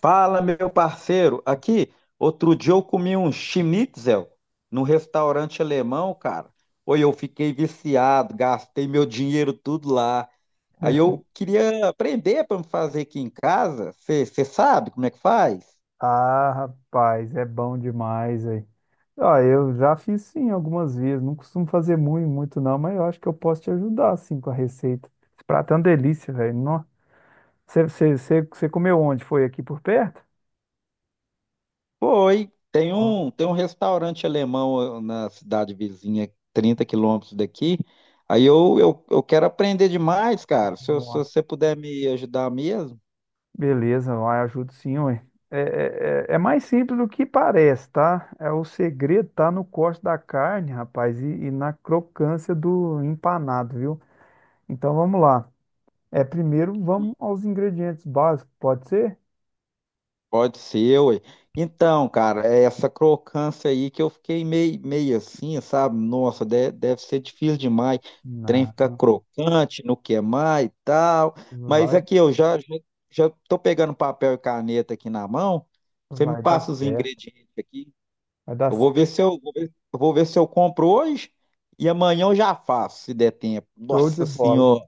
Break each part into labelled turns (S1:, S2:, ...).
S1: Fala, meu parceiro. Aqui, outro dia eu comi um schnitzel num restaurante alemão, cara. Oi, eu fiquei viciado, gastei meu dinheiro tudo lá. Aí eu queria aprender para fazer aqui em casa. Você sabe como é que faz?
S2: Ah, rapaz, é bom demais aí. Ah, eu já fiz sim algumas vezes, não costumo fazer muito, muito não, mas eu acho que eu posso te ajudar assim com a receita. Esse prato é uma delícia, velho. Nó. Você comeu onde? Foi aqui por perto?
S1: Foi. Tem
S2: Ó,
S1: um, tem um restaurante alemão, na cidade vizinha, 30 quilômetros daqui. Aí eu quero aprender demais, cara. Se
S2: nossa.
S1: você puder me ajudar mesmo.
S2: Beleza, vai, ajudo sim, ué. É mais simples do que parece, tá? É, o segredo tá no corte da carne, rapaz, e na crocância do empanado, viu? Então vamos lá. É, primeiro vamos aos ingredientes básicos, pode ser?
S1: Pode ser, ué. Então, cara, é essa crocância aí que eu fiquei meio assim, sabe? Nossa, deve ser difícil demais. O trem
S2: Não,
S1: fica crocante, não queimar e tal. Mas
S2: vai,
S1: aqui eu já tô pegando papel e caneta aqui na mão. Você me
S2: vai dar
S1: passa os
S2: certo.
S1: ingredientes aqui.
S2: Vai dar
S1: Eu vou
S2: certo.
S1: ver se eu, vou ver, eu vou ver se eu compro hoje e amanhã eu já faço, se der tempo.
S2: Show de
S1: Nossa
S2: bola.
S1: Senhora!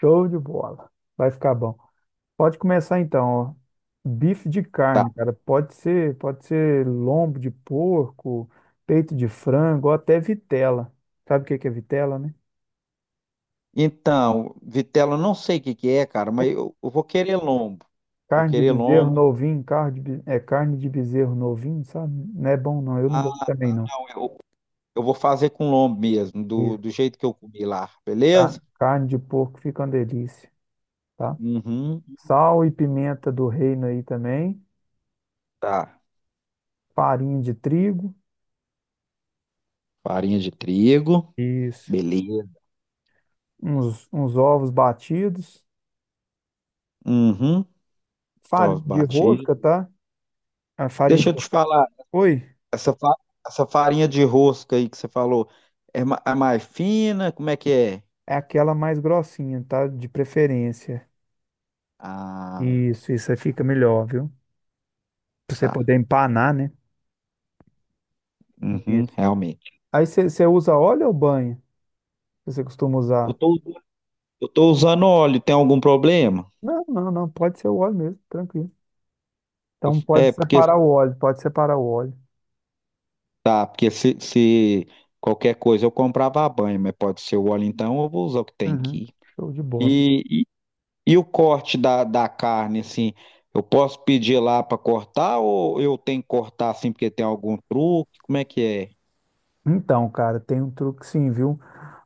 S2: Show de bola. Vai ficar bom. Pode começar então, ó. Bife de carne, cara. Pode ser lombo de porco, peito de frango, ou até vitela. Sabe o que que é vitela, né?
S1: Então, vitela, eu não sei o que que é, cara,
S2: É
S1: mas eu vou querer lombo. Vou
S2: carne de
S1: querer
S2: bezerro
S1: lombo.
S2: novinho, carne de, é carne de bezerro novinho, sabe? Não é bom não, eu não
S1: Ah,
S2: gosto também não.
S1: não, eu vou fazer com lombo mesmo, do,
S2: Isso.
S1: do jeito que eu comi lá, beleza?
S2: Carne de porco fica uma delícia, tá?
S1: Uhum,
S2: Sal e pimenta do reino aí também.
S1: tá.
S2: Farinha de trigo.
S1: Farinha de trigo,
S2: Isso.
S1: beleza.
S2: Uns ovos batidos,
S1: Uhum,
S2: farinha
S1: ovos
S2: de
S1: batidos.
S2: rosca, tá? A farinha
S1: Deixa
S2: de...
S1: eu te falar,
S2: Oi,
S1: essa, fa- essa farinha de rosca aí que você falou, é mais fina? Como é que é?
S2: é aquela mais grossinha, tá? De preferência.
S1: Ah,
S2: Isso aí fica melhor, viu? Pra você
S1: tá.
S2: poder empanar, né?
S1: Uhum,
S2: Isso.
S1: realmente.
S2: Aí você usa óleo ou banha? Que você costuma
S1: Eu
S2: usar?
S1: tô, eu tô usando óleo, tem algum problema?
S2: Não, não, não, pode ser o óleo mesmo, tranquilo. Então
S1: É,
S2: pode
S1: porque
S2: separar o óleo, pode separar o óleo.
S1: Tá, porque se qualquer coisa eu comprava a banha, mas pode ser o óleo então, eu vou usar o que tem
S2: Uhum,
S1: aqui.
S2: show de bola.
S1: E, e, e o corte da carne, assim, eu posso pedir lá para cortar ou eu tenho que cortar assim porque tem algum truque? Como é que é?
S2: Então, cara, tem um truque sim, viu?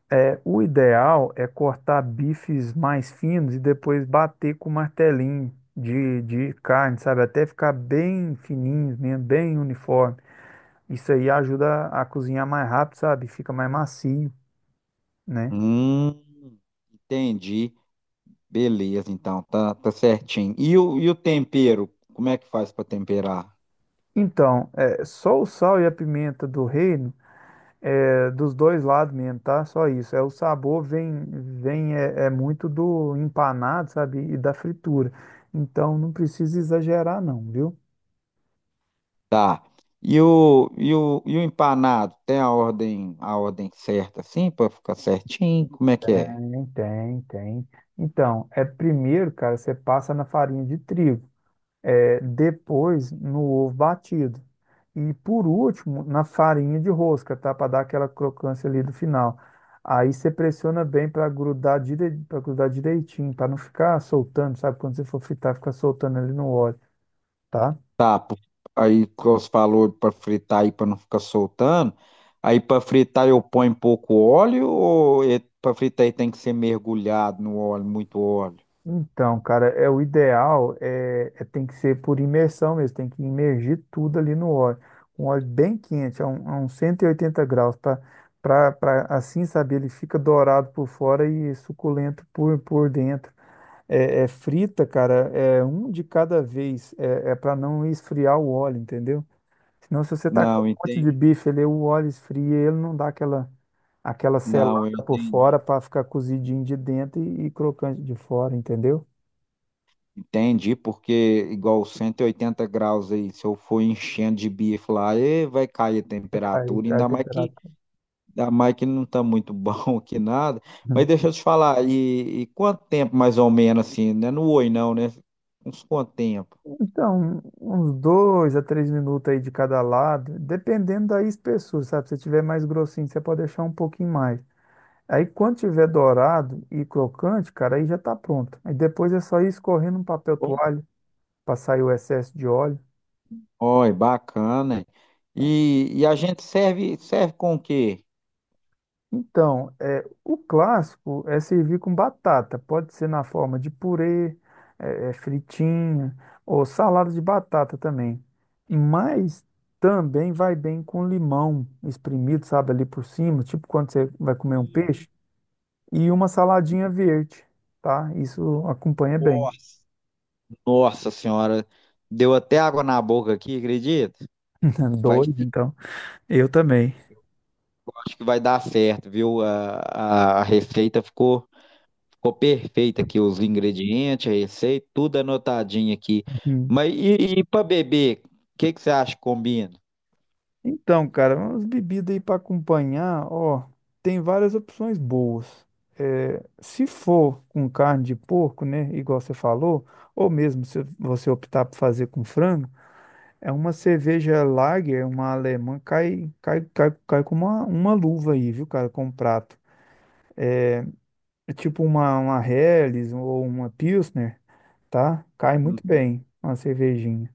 S2: É, o ideal é cortar bifes mais finos e depois bater com martelinho de carne, sabe? Até ficar bem fininhos mesmo, bem uniforme. Isso aí ajuda a cozinhar mais rápido, sabe? Fica mais macio, né?
S1: Hum, entendi. Beleza, então, tá certinho. E o, e o, tempero? Como é que faz para temperar?
S2: Então, é, só o sal e a pimenta do reino é dos dois lados mesmo, tá? Só isso. É, o sabor vem, vem é, é muito do empanado, sabe? E da fritura. Então, não precisa exagerar, não, viu?
S1: Tá. e o, e o empanado? Tem a ordem certa assim para ficar certinho? Como é que é?
S2: Tem, tem, tem. Então, é primeiro, cara, você passa na farinha de trigo, é, depois no ovo batido e por último na farinha de rosca, tá? Para dar aquela crocância ali do final. Aí você pressiona bem para grudar, para grudar direitinho, para não ficar soltando, sabe? Quando você for fritar, fica soltando ali no óleo, tá?
S1: Tá, Aí que você falou para fritar aí para não ficar soltando. Aí para fritar eu ponho pouco óleo ou para fritar aí tem que ser mergulhado no óleo, muito óleo?
S2: Então, cara, é o ideal tem que ser por imersão mesmo, tem que imergir tudo ali no óleo, um óleo bem quente, a uns 180 graus, para assim, sabe, ele fica dourado por fora e suculento por dentro. É, é frita, cara, é um de cada vez, é para não esfriar o óleo, entendeu? Senão, se você tacar um
S1: Não,
S2: monte
S1: entendi.
S2: de bife ele o óleo esfria, ele não dá aquela, aquela
S1: Não, eu
S2: selada por fora
S1: entendi.
S2: para ficar cozidinho de dentro e crocante de fora, entendeu?
S1: Entendi, porque igual 180 graus aí, se eu for enchendo de bife lá, vai cair a
S2: Cai,
S1: temperatura,
S2: cai a
S1: ainda mais que,
S2: temperatura.
S1: ainda mais que não tá muito bom aqui nada. Mas
S2: Uhum.
S1: deixa eu te falar, e quanto tempo mais ou menos assim, né? Não oi não, né? Uns quanto tempo?
S2: Então, uns dois a três minutos aí de cada lado, dependendo da espessura, sabe? Se tiver mais grossinho, você pode deixar um pouquinho mais. Aí, quando tiver dourado e crocante, cara, aí já tá pronto. Aí depois é só ir escorrendo um papel toalha para sair o excesso de óleo.
S1: Oi, bacana.
S2: Tá?
S1: E a gente serve com o quê?
S2: Então, é, o clássico é servir com batata. Pode ser na forma de purê, é, é, fritinha ou salada de batata também. Mas também vai bem com limão espremido, sabe, ali por cima, tipo quando você vai comer um
S1: Hum.
S2: peixe, e uma saladinha verde, tá? Isso acompanha bem.
S1: Nossa, nossa senhora, deu até água na boca aqui, acredita? Vai,
S2: Dois,
S1: fi-
S2: então. Eu também.
S1: acho que vai dar certo, viu? A receita ficou perfeita aqui, os ingredientes, a receita, tudo anotadinho aqui. Mas e para beber, o que que você acha que combina?
S2: Então, cara, umas bebidas aí para acompanhar, ó, tem várias opções boas. É, se for com carne de porco, né, igual você falou, ou mesmo se você optar por fazer com frango, é uma cerveja Lager, uma alemã, cai, cai, cai, cai com uma luva aí, viu, cara, com um prato. É tipo uma Helles ou uma Pilsner, tá? Cai muito
S1: Hum.
S2: bem uma cervejinha.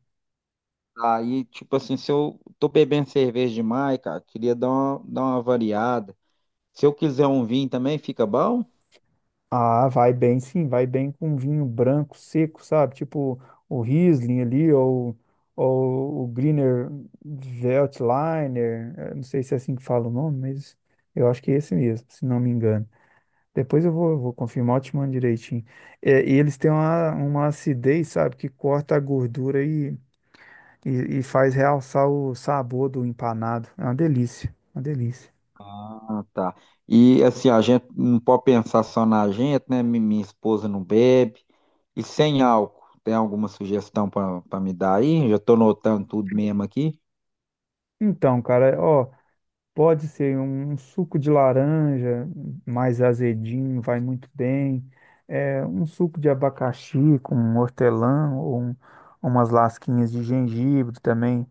S1: Aí, tipo assim, se eu tô bebendo cerveja demais, cara, queria dar uma variada. Se eu quiser um vinho também, fica bom?
S2: Ah, vai bem, sim, vai bem com vinho branco seco, sabe? Tipo o Riesling ali, ou o Grüner Veltliner, não sei se é assim que fala o nome, mas eu acho que é esse mesmo, se não me engano. Depois eu vou, vou confirmar, eu te mando direitinho. É, e eles têm uma acidez, sabe, que corta a gordura e faz realçar o sabor do empanado. É uma delícia, uma delícia.
S1: Ah, tá. E assim, a gente não pode pensar só na gente, né? Minha esposa não bebe. E sem álcool, tem alguma sugestão para me dar aí? Já estou notando tudo mesmo aqui.
S2: Então, cara, ó. Pode ser um suco de laranja mais azedinho, vai muito bem. É, um suco de abacaxi com hortelã ou umas lasquinhas de gengibre também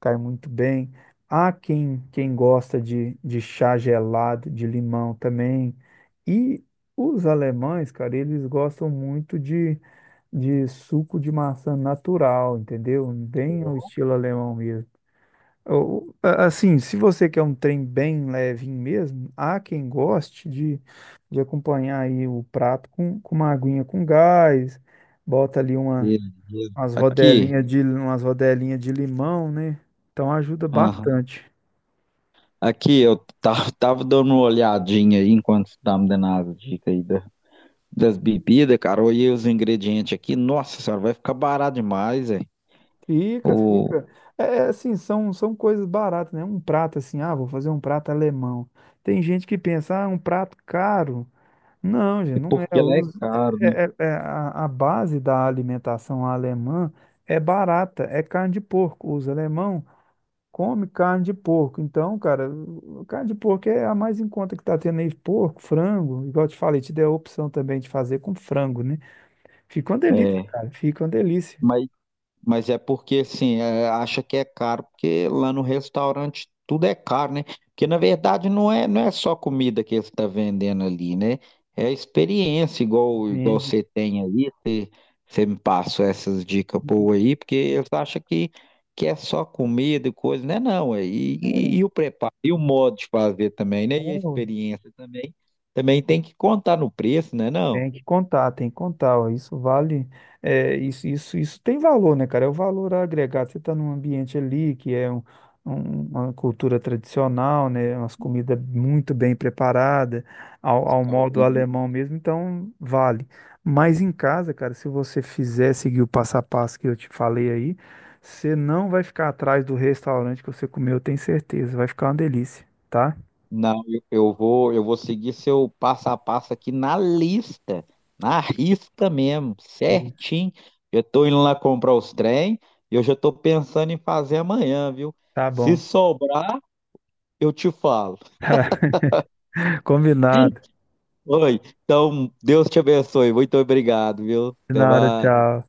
S2: cai muito bem. Há quem gosta de chá gelado de limão também. E os alemães, cara, eles gostam muito de suco de maçã natural, entendeu? Bem ao estilo alemão mesmo. Ou, assim, se você quer um trem bem levinho mesmo, há quem goste de acompanhar aí o prato com uma aguinha com gás, bota ali uma,
S1: Beleza. Aqui,
S2: umas rodelinhas de limão, né? Então ajuda
S1: Aham.
S2: bastante.
S1: Aqui eu tava dando uma olhadinha aí enquanto você tá me dando as dicas aí das bebidas, cara. Olhei os ingredientes aqui. Nossa senhora, vai ficar barato demais, é.
S2: Fica,
S1: O...
S2: fica. É é assim, são, são coisas baratas, né? Um prato assim, ah, vou fazer um prato alemão. Tem gente que pensa, ah, um prato caro. Não, gente,
S1: É
S2: não é.
S1: porque ela é
S2: Os- é-
S1: cara.
S2: é- é é, a base da alimentação alemã é barata, é carne de porco. Os alemão comem carne de porco. Então, cara, o- carne de porco é a mais em conta que tá tendo aí. Porco, frango, igual eu te falei, te dei a opção também de fazer com frango, né? Fica uma delícia,
S1: É.
S2: cara. Fica uma delícia.
S1: Mas é porque, assim, é, acha que é caro, porque lá no restaurante tudo é caro, né? Porque, na verdade, não é só comida que eles estão vendendo ali, né? É a experiência, igual
S2: Vende.
S1: você tem aí. Você me passou essas dicas boas aí, porque eles acham que é só comida e coisa, né? Não, é, e o preparo, e o modo de fazer também, né? E a experiência também tem que contar no preço, né? Não,
S2: Tem que contar, ó. Isso vale, é, isso tem valor, né, cara? É o valor agregado. Você está num ambiente ali que é uma cultura tradicional, né? Umas comidas muito bem preparadas, ao modo alemão mesmo, então vale. Mas em casa, cara, se você fizer seguir o passo a passo que eu te falei aí, você não vai ficar atrás do restaurante que você comeu, eu tenho certeza. Vai ficar uma delícia, tá?
S1: não, eu vou seguir seu passo a passo aqui na lista, na risca mesmo,
S2: Isso.
S1: certinho. Eu tô indo lá comprar os trem e eu já tô pensando em fazer amanhã, viu?
S2: Tá
S1: Se
S2: bom.
S1: sobrar, eu te falo.
S2: Combinado.
S1: Oi, então Deus te abençoe. Muito obrigado, viu?
S2: De
S1: Até
S2: nada,
S1: mais.
S2: tchau.